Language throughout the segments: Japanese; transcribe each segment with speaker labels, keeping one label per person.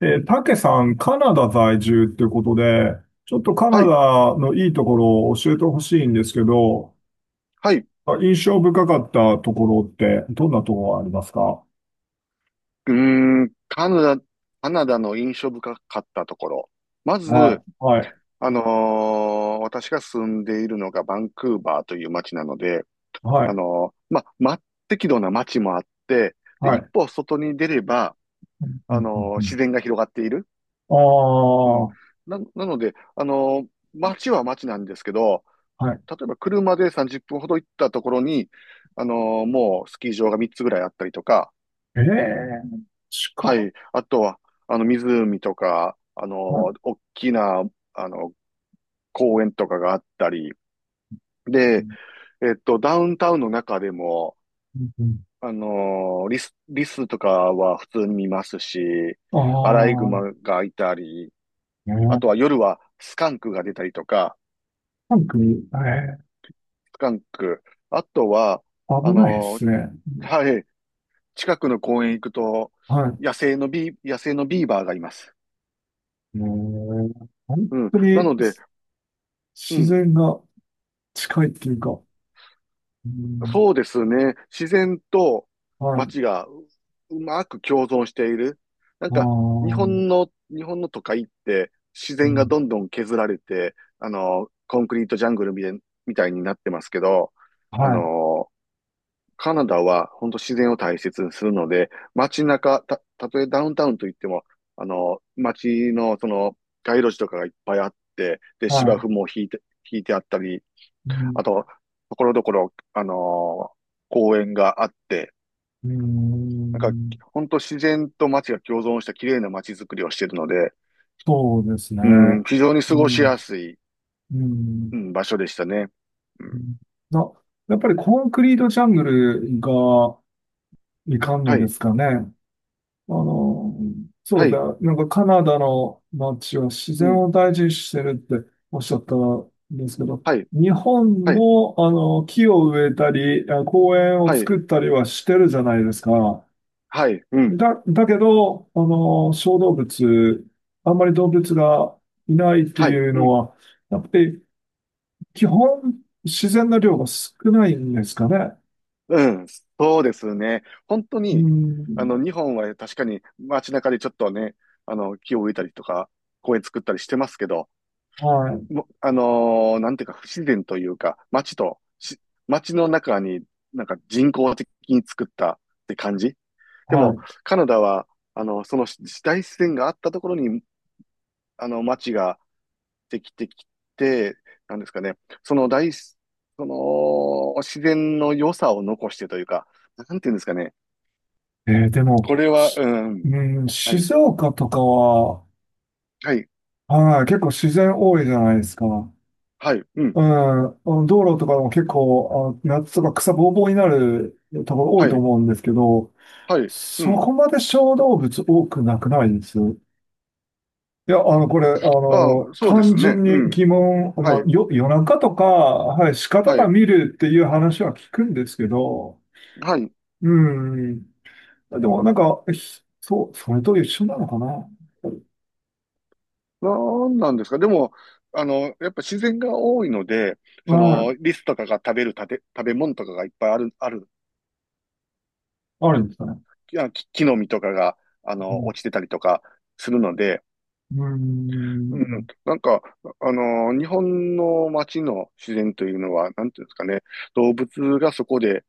Speaker 1: で、たけさん、カナダ在住っていうことで、ちょっとカ
Speaker 2: は
Speaker 1: ナ
Speaker 2: い、
Speaker 1: ダのいいところを教えてほしいんですけど、
Speaker 2: はい。
Speaker 1: 印象深かったところって、どんなところがありますか？
Speaker 2: ーん、カナダ、カナダの印象深かったところ。ま
Speaker 1: は
Speaker 2: ず、
Speaker 1: い、はい、
Speaker 2: 私が住んでいるのがバンクーバーという街なので、
Speaker 1: は
Speaker 2: あ
Speaker 1: い、
Speaker 2: のーま、ま、適度な街もあって、で、
Speaker 1: は
Speaker 2: 一
Speaker 1: い。
Speaker 2: 歩外に出れば、
Speaker 1: うん、うん、う
Speaker 2: 自
Speaker 1: ん。
Speaker 2: 然が広がっている。
Speaker 1: ああ、
Speaker 2: うん。なので、街は街なんですけど、
Speaker 1: はい。
Speaker 2: 例えば車で30分ほど行ったところに、もうスキー場が3つぐらいあったりとか、
Speaker 1: ええ、近
Speaker 2: は
Speaker 1: っ。
Speaker 2: い。あとは、湖とか、
Speaker 1: はい。
Speaker 2: 大きな、あの、公園とかがあったり、
Speaker 1: う
Speaker 2: で、
Speaker 1: ん、
Speaker 2: ダウンタウンの中でも、
Speaker 1: うん。
Speaker 2: リスとかは普通に見ますし、
Speaker 1: あ
Speaker 2: アライグマ
Speaker 1: あ、
Speaker 2: がいたり、
Speaker 1: え
Speaker 2: あ
Speaker 1: ー、
Speaker 2: とは夜はスカンクが出たりとか、
Speaker 1: なんか、え
Speaker 2: スカンク、あとは、
Speaker 1: え、
Speaker 2: あ
Speaker 1: 危ないで
Speaker 2: の、
Speaker 1: すね。
Speaker 2: はい、近くの公園行くと、
Speaker 1: はい。
Speaker 2: 野生のビーバーがいます。
Speaker 1: ええ、本
Speaker 2: うん。
Speaker 1: 当
Speaker 2: な
Speaker 1: に
Speaker 2: ので、う
Speaker 1: 自
Speaker 2: ん。
Speaker 1: 然が近いっていうか、うん、
Speaker 2: そうですね。自然と
Speaker 1: はい。
Speaker 2: 街がうまく共存している。なんか、
Speaker 1: ああ、
Speaker 2: 日本の都会って自
Speaker 1: う
Speaker 2: 然が
Speaker 1: ん、
Speaker 2: どんどん削られて、コンクリートジャングルみたいになってますけど、あ
Speaker 1: はい。
Speaker 2: の、カナダは本当自然を大切にするので、街中、たとえダウンタウンといっても、街のその街路樹とかがいっぱいあって、で、
Speaker 1: は
Speaker 2: 芝
Speaker 1: い。
Speaker 2: 生も引いてあったり、
Speaker 1: うん、
Speaker 2: あと、ところどころ、ー公園があって、
Speaker 1: う
Speaker 2: なんか、
Speaker 1: ん、
Speaker 2: 本当自然と街が共存した綺麗な街づくりをしているので、
Speaker 1: そうですね。
Speaker 2: うん、非常に過
Speaker 1: う
Speaker 2: ごし
Speaker 1: ん、
Speaker 2: やすい、
Speaker 1: う
Speaker 2: う
Speaker 1: ん、
Speaker 2: ん、場所でしたね。う
Speaker 1: う
Speaker 2: ん、
Speaker 1: ん。な、やっぱりコンクリートジャングルがいかんの
Speaker 2: は
Speaker 1: で
Speaker 2: い、
Speaker 1: すかね。あの、そ
Speaker 2: は
Speaker 1: う
Speaker 2: い、
Speaker 1: だ。なんかカナダの街は自
Speaker 2: う
Speaker 1: 然
Speaker 2: ん、
Speaker 1: を大事にしてるっておっしゃったんですけど、
Speaker 2: はい、
Speaker 1: 日本
Speaker 2: はい、
Speaker 1: もあの木を植えたり、公園を
Speaker 2: はい、
Speaker 1: 作ったりはしてるじゃないですか。
Speaker 2: はい、うん、
Speaker 1: だけど、あの、小動物、あんまり動物がいないって
Speaker 2: はい、
Speaker 1: いう
Speaker 2: う
Speaker 1: の
Speaker 2: ん、
Speaker 1: は、やっぱり基本、自然の量が少ないんですかね。
Speaker 2: うん、そうですね。本当
Speaker 1: う
Speaker 2: に、
Speaker 1: ん、
Speaker 2: 日本は確かに街中でちょっとね、木を植えたりとか、公園作ったりしてますけど、
Speaker 1: はい、
Speaker 2: もなんていうか、不自然というか、街とし、街の中になんか人工的に作ったって感じ。で
Speaker 1: は
Speaker 2: も、
Speaker 1: い。
Speaker 2: カナダは、その大自然があったところに、街ができてきて、なんですかね、その大す、その自然の良さを残してというか、なんていうんですかね、
Speaker 1: で
Speaker 2: こ
Speaker 1: も、
Speaker 2: れは、うん、
Speaker 1: うん、
Speaker 2: はい、
Speaker 1: 静岡とかは、
Speaker 2: はい、
Speaker 1: はい、結構自然多いじゃないですか。
Speaker 2: はい、うん、
Speaker 1: うん、あの道路とかも結構、あの、夏とか草ぼうぼうになるところ多い
Speaker 2: は
Speaker 1: と
Speaker 2: い、
Speaker 1: 思うんですけど、
Speaker 2: はい、う
Speaker 1: そ
Speaker 2: ん、
Speaker 1: こまで小動物多くなくないです。いや、あの、これ、あ
Speaker 2: あ
Speaker 1: の、
Speaker 2: あ、そうで
Speaker 1: 単
Speaker 2: すね、
Speaker 1: 純
Speaker 2: う
Speaker 1: に
Speaker 2: ん、
Speaker 1: 疑問、
Speaker 2: は
Speaker 1: まあ、
Speaker 2: い、
Speaker 1: 夜中とか、はい、鹿と
Speaker 2: は
Speaker 1: か
Speaker 2: い、
Speaker 1: 見るっていう話は聞くんですけど、
Speaker 2: はい、
Speaker 1: うん。でも、なんか、そう、それと一緒なのかな。
Speaker 2: なんなんですかでも、やっぱ自然が多いので、
Speaker 1: は
Speaker 2: そ
Speaker 1: い。
Speaker 2: の、リスとかが食べる食べ物とかがいっぱいある、
Speaker 1: あるんですかね。
Speaker 2: いや木の実とかが、
Speaker 1: うん。
Speaker 2: 落ちてたりとかするので、
Speaker 1: う
Speaker 2: うん、
Speaker 1: ん、
Speaker 2: なんか、日本の街の自然というのは、なんていうんですかね、動物がそこで、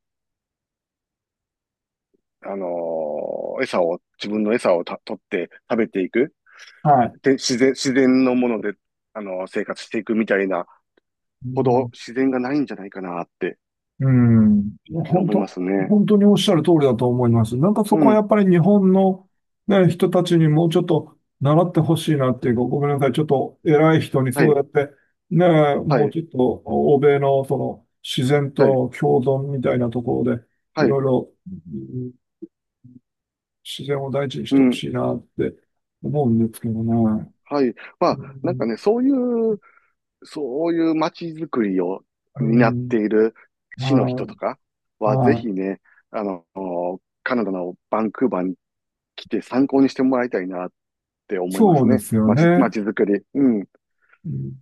Speaker 2: 餌を、自分の餌を取って食べていく、
Speaker 1: はい。
Speaker 2: で、自然のもので、生活していくみたいな
Speaker 1: う
Speaker 2: ほど
Speaker 1: ん、
Speaker 2: 自然がないんじゃないかなって
Speaker 1: うん。本
Speaker 2: 思いま
Speaker 1: 当、
Speaker 2: すね。
Speaker 1: 本当におっしゃる通りだと思います。なんかそ
Speaker 2: う
Speaker 1: こはや
Speaker 2: ん。
Speaker 1: っぱり日本の、ね、人たちにもうちょっと習ってほしいなっていうか、ごめんなさい。ちょっと偉い人に
Speaker 2: は
Speaker 1: そう
Speaker 2: い。
Speaker 1: やって、ね、
Speaker 2: は
Speaker 1: もう
Speaker 2: い。
Speaker 1: ちょっと欧米のその自然
Speaker 2: はい。
Speaker 1: と共存みたいなところで、
Speaker 2: は
Speaker 1: いろ
Speaker 2: い。
Speaker 1: いろん自然を大事にし
Speaker 2: う
Speaker 1: てほ
Speaker 2: ん。
Speaker 1: しいなって思うんですけどね。
Speaker 2: はい。ま
Speaker 1: う
Speaker 2: あ、なんか
Speaker 1: ん、
Speaker 2: ね、う、そういう街づくりを
Speaker 1: う
Speaker 2: 担って
Speaker 1: ん、
Speaker 2: いる市の人
Speaker 1: は
Speaker 2: とか
Speaker 1: い、
Speaker 2: は、ぜ
Speaker 1: は
Speaker 2: ひ
Speaker 1: い、
Speaker 2: ね、あの、カナダのバンクーバーに来て参考にしてもらいたいなって思いま
Speaker 1: そ
Speaker 2: す
Speaker 1: うで
Speaker 2: ね。
Speaker 1: すよね。
Speaker 2: 街づくり。うん。
Speaker 1: うん。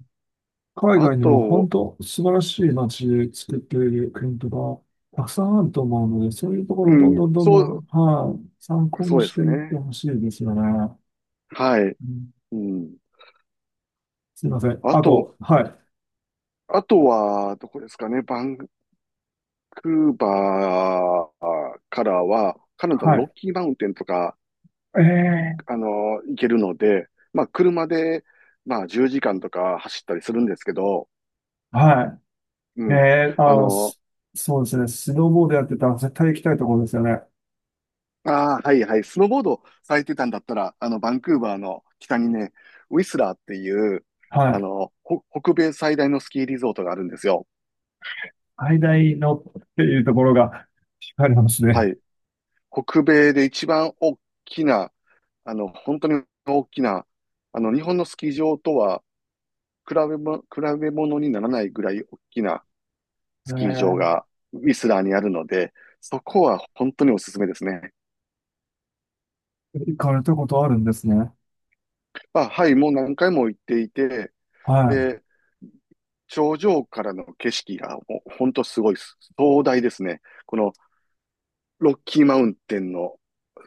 Speaker 1: 海
Speaker 2: あ
Speaker 1: 外にも本
Speaker 2: と、
Speaker 1: 当素晴らしい街で作っている国とか、たくさんあると思うので、そういうところ
Speaker 2: う
Speaker 1: をどんど
Speaker 2: ん、
Speaker 1: んどんどん、はい、参考
Speaker 2: そ
Speaker 1: に
Speaker 2: うで
Speaker 1: し
Speaker 2: す
Speaker 1: ていって
Speaker 2: ね。
Speaker 1: ほしいですよね。
Speaker 2: はい。
Speaker 1: うん。
Speaker 2: うん。
Speaker 1: すいません。
Speaker 2: あ
Speaker 1: あ
Speaker 2: と、
Speaker 1: と、はい、
Speaker 2: あとは、どこですかね。バンクーバー、からは、カナダの
Speaker 1: は
Speaker 2: ロ
Speaker 1: い。
Speaker 2: ッキーマウンテンとか、
Speaker 1: ええ、
Speaker 2: あの、行けるので、まあ、車で、まあ、10時間とか走ったりするんですけど、
Speaker 1: は
Speaker 2: う
Speaker 1: い。
Speaker 2: ん。あの、
Speaker 1: そうですね。スノーボードやってたら絶対行きたいところですよね。
Speaker 2: ああ、はいはい、スノーボードされてたんだったら、バンクーバーの北にね、ウィスラーっていう、
Speaker 1: はい。
Speaker 2: 北米最大のスキーリゾートがあるんですよ。
Speaker 1: 最大のっていうところが惹かれます
Speaker 2: は
Speaker 1: ね。
Speaker 2: い。北米で一番大きな、本当に大きな、日本のスキー場とは比べ物にならないぐらい大きな、
Speaker 1: え
Speaker 2: スキー場
Speaker 1: え、
Speaker 2: がウィスラーにあるので、そこは本当におすすめですね。
Speaker 1: 行かれたことあるんですね。
Speaker 2: まあ、はい、もう何回も行っていて、
Speaker 1: は
Speaker 2: で、頂上からの景色がもう本当すごいです壮大ですね。このロッキーマウンテンの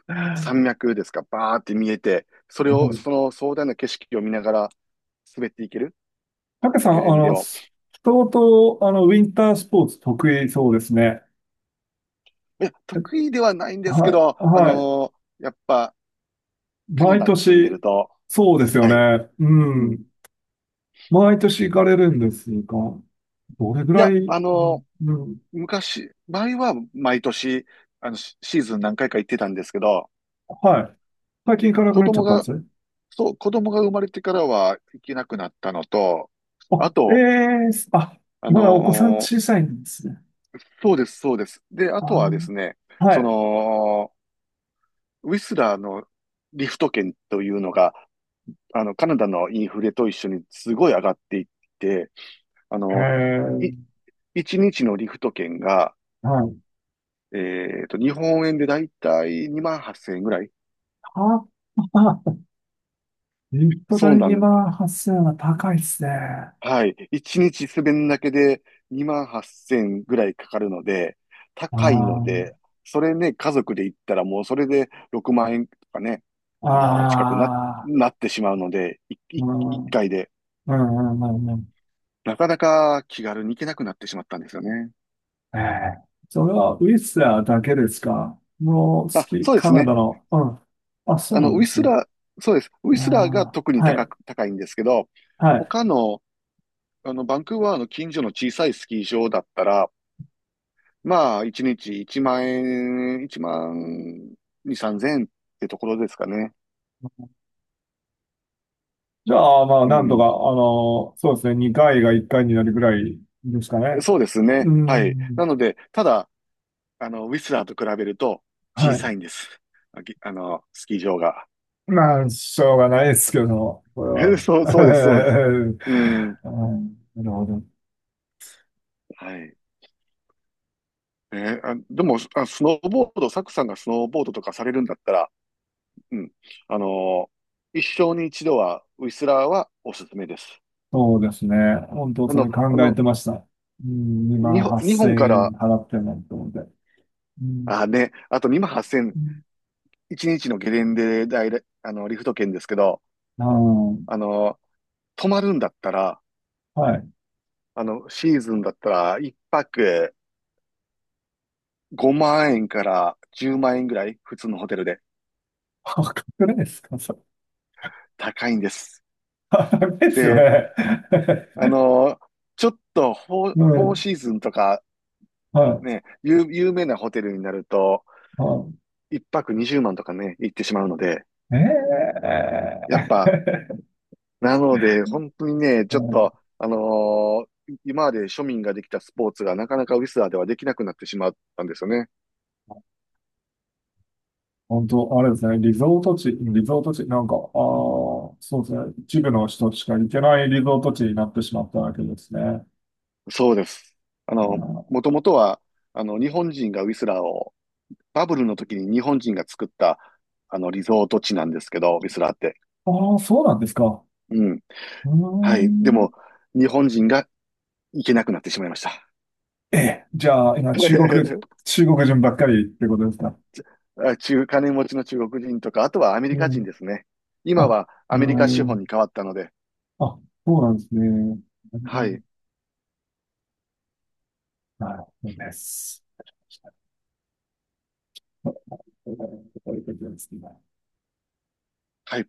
Speaker 1: い。
Speaker 2: 山脈ですか、バーって見えて、それを、その壮大な景色を見ながら滑っていける
Speaker 1: たけさん、
Speaker 2: ゲレ
Speaker 1: あ
Speaker 2: ンデ
Speaker 1: の、
Speaker 2: を。
Speaker 1: 相当、あの、ウィンタースポーツ得意そうですね。
Speaker 2: いや、
Speaker 1: え
Speaker 2: 得意ではないんですけ
Speaker 1: はい、
Speaker 2: ど、
Speaker 1: はい。
Speaker 2: やっぱカナ
Speaker 1: 毎
Speaker 2: ダに住んでる
Speaker 1: 年、
Speaker 2: と、
Speaker 1: そうですよ
Speaker 2: はい、
Speaker 1: ね。う
Speaker 2: うん。
Speaker 1: ん。毎年行かれるんですが、どれぐ
Speaker 2: い
Speaker 1: ら
Speaker 2: や、
Speaker 1: い、うん、うん、
Speaker 2: 昔、前は毎年、シーズン何回か行ってたんですけど、
Speaker 1: はい。最近行かなく
Speaker 2: 子
Speaker 1: なっちゃ
Speaker 2: 供
Speaker 1: ったんで
Speaker 2: が、
Speaker 1: すね。
Speaker 2: そう、子供が生まれてからは行けなくなったのと、
Speaker 1: あ、
Speaker 2: あ
Speaker 1: え
Speaker 2: と、
Speaker 1: え、あ、
Speaker 2: あ
Speaker 1: まだお子さん
Speaker 2: のー
Speaker 1: 小さいんですね。
Speaker 2: そうです、そうです。で、あ
Speaker 1: あ
Speaker 2: とはですね、
Speaker 1: ー、は
Speaker 2: そ
Speaker 1: い。
Speaker 2: の、ウィスラーのリフト券というのが、カナダのインフレと一緒にすごい上がっていって、あ
Speaker 1: へ
Speaker 2: の、い、
Speaker 1: え、
Speaker 2: 1日のリフト券が、
Speaker 1: はい。
Speaker 2: 日本円でだいたい2万8000円ぐらい。
Speaker 1: あ、あ、リフト
Speaker 2: そう
Speaker 1: 代
Speaker 2: なん
Speaker 1: 万8 0はっせんは高いですね。あ
Speaker 2: はい。一日滑るだけで2万8千0ぐらいかかるので、高いの
Speaker 1: あ、
Speaker 2: で、それね、家族で行ったらもうそれで6万円とかね、近くな、
Speaker 1: ああ、
Speaker 2: なってしまうので、い
Speaker 1: う
Speaker 2: い
Speaker 1: ん、
Speaker 2: 一
Speaker 1: うん、
Speaker 2: 回で。
Speaker 1: うん、うん。うん、
Speaker 2: なかなか気軽に行けなくなってしまったんですよね。
Speaker 1: ええ。それはウィスラーだけですか？もう好
Speaker 2: あ、
Speaker 1: き、
Speaker 2: そうで
Speaker 1: カ
Speaker 2: す
Speaker 1: ナダ
Speaker 2: ね。
Speaker 1: の。うん。あ、そうな
Speaker 2: ウ
Speaker 1: ん
Speaker 2: ィ
Speaker 1: です
Speaker 2: ス
Speaker 1: ね。
Speaker 2: ラー、そうです。ウィ
Speaker 1: あ
Speaker 2: スラーが特
Speaker 1: あ、
Speaker 2: に
Speaker 1: はい、
Speaker 2: 高いんですけど、
Speaker 1: はい。
Speaker 2: 他の、バンクーバーの近所の小さいスキー場だったら、まあ、1日1万円、1万2、3千円ってところですかね。
Speaker 1: じゃあ、まあ、
Speaker 2: う
Speaker 1: なんとか、あ
Speaker 2: ん。
Speaker 1: の、そうですね、2回が1回になるぐらいですかね。
Speaker 2: そうです
Speaker 1: う
Speaker 2: ね。はい。
Speaker 1: ん、
Speaker 2: なので、ただ、ウィスラーと比べると
Speaker 1: は
Speaker 2: 小
Speaker 1: い。
Speaker 2: さいんです。あ、ぎあの、スキー場が。
Speaker 1: まあ、しょうがないですけど、これは。
Speaker 2: そうです、そうです。うん。
Speaker 1: うん、なるほど。
Speaker 2: はい。でも、あ、スノーボード、サクさんがスノーボードとかされるんだったら、うん。あの、一生に一度は、ウィスラーはおすすめです。
Speaker 1: そうですね。本当、
Speaker 2: あ
Speaker 1: そ
Speaker 2: の、
Speaker 1: れ
Speaker 2: あ
Speaker 1: 考え
Speaker 2: の、
Speaker 1: てました。うん、2万
Speaker 2: 日
Speaker 1: 8000
Speaker 2: 本か
Speaker 1: 円
Speaker 2: ら、
Speaker 1: 払ってもと思って。うん。
Speaker 2: あ、ね、あと2万8千0
Speaker 1: う
Speaker 2: 一日のゲレンデで、リフト券ですけど、
Speaker 1: ん。
Speaker 2: あの、泊まるんだったら、
Speaker 1: はい。
Speaker 2: シーズンだったら、一泊5万円から10万円ぐらい、普通のホテルで
Speaker 1: 破格ですかそれ？
Speaker 2: 高いんです。
Speaker 1: 破格ですよ
Speaker 2: で、
Speaker 1: ね。
Speaker 2: あの、ちょっと
Speaker 1: う
Speaker 2: フォー
Speaker 1: ん。
Speaker 2: シーズンとか、
Speaker 1: はい。
Speaker 2: ね、有名なホテルになると、
Speaker 1: は
Speaker 2: 一泊20万とかね、行ってしまうので、
Speaker 1: い。え
Speaker 2: やっぱ、
Speaker 1: え
Speaker 2: なので、本当にね、
Speaker 1: う
Speaker 2: ちょっと、
Speaker 1: ん、
Speaker 2: ー今まで庶民ができたスポーツがなかなかウィスラーではできなくなってしまったんですよね。
Speaker 1: 本当、あれですね。リゾート地、リゾート地、なんか、ああ、そうですね。一部の人しか行けないリゾート地になってしまったわけですね。あ
Speaker 2: そうです。もともとは、日本人がウィスラーを、バブルの時に日本人が作った、リゾート地なんですけど、ウィスラーって。
Speaker 1: あー、そうなんですか。
Speaker 2: うん。
Speaker 1: うー
Speaker 2: はい。で
Speaker 1: ん。
Speaker 2: も、日本人が行けなくなってしまいました。
Speaker 1: ええ、じゃあ、今、中国人ばっかりってことですか？
Speaker 2: 金持ちの中国人とか、あとはアメリ
Speaker 1: う
Speaker 2: カ人
Speaker 1: ん。
Speaker 2: ですね。今
Speaker 1: あ、
Speaker 2: はア
Speaker 1: う
Speaker 2: メリカ資本
Speaker 1: ん。
Speaker 2: に変わったので、
Speaker 1: あ、そうなんですね。
Speaker 2: はい。
Speaker 1: なるほどい、そうです。そういうことですね。
Speaker 2: はい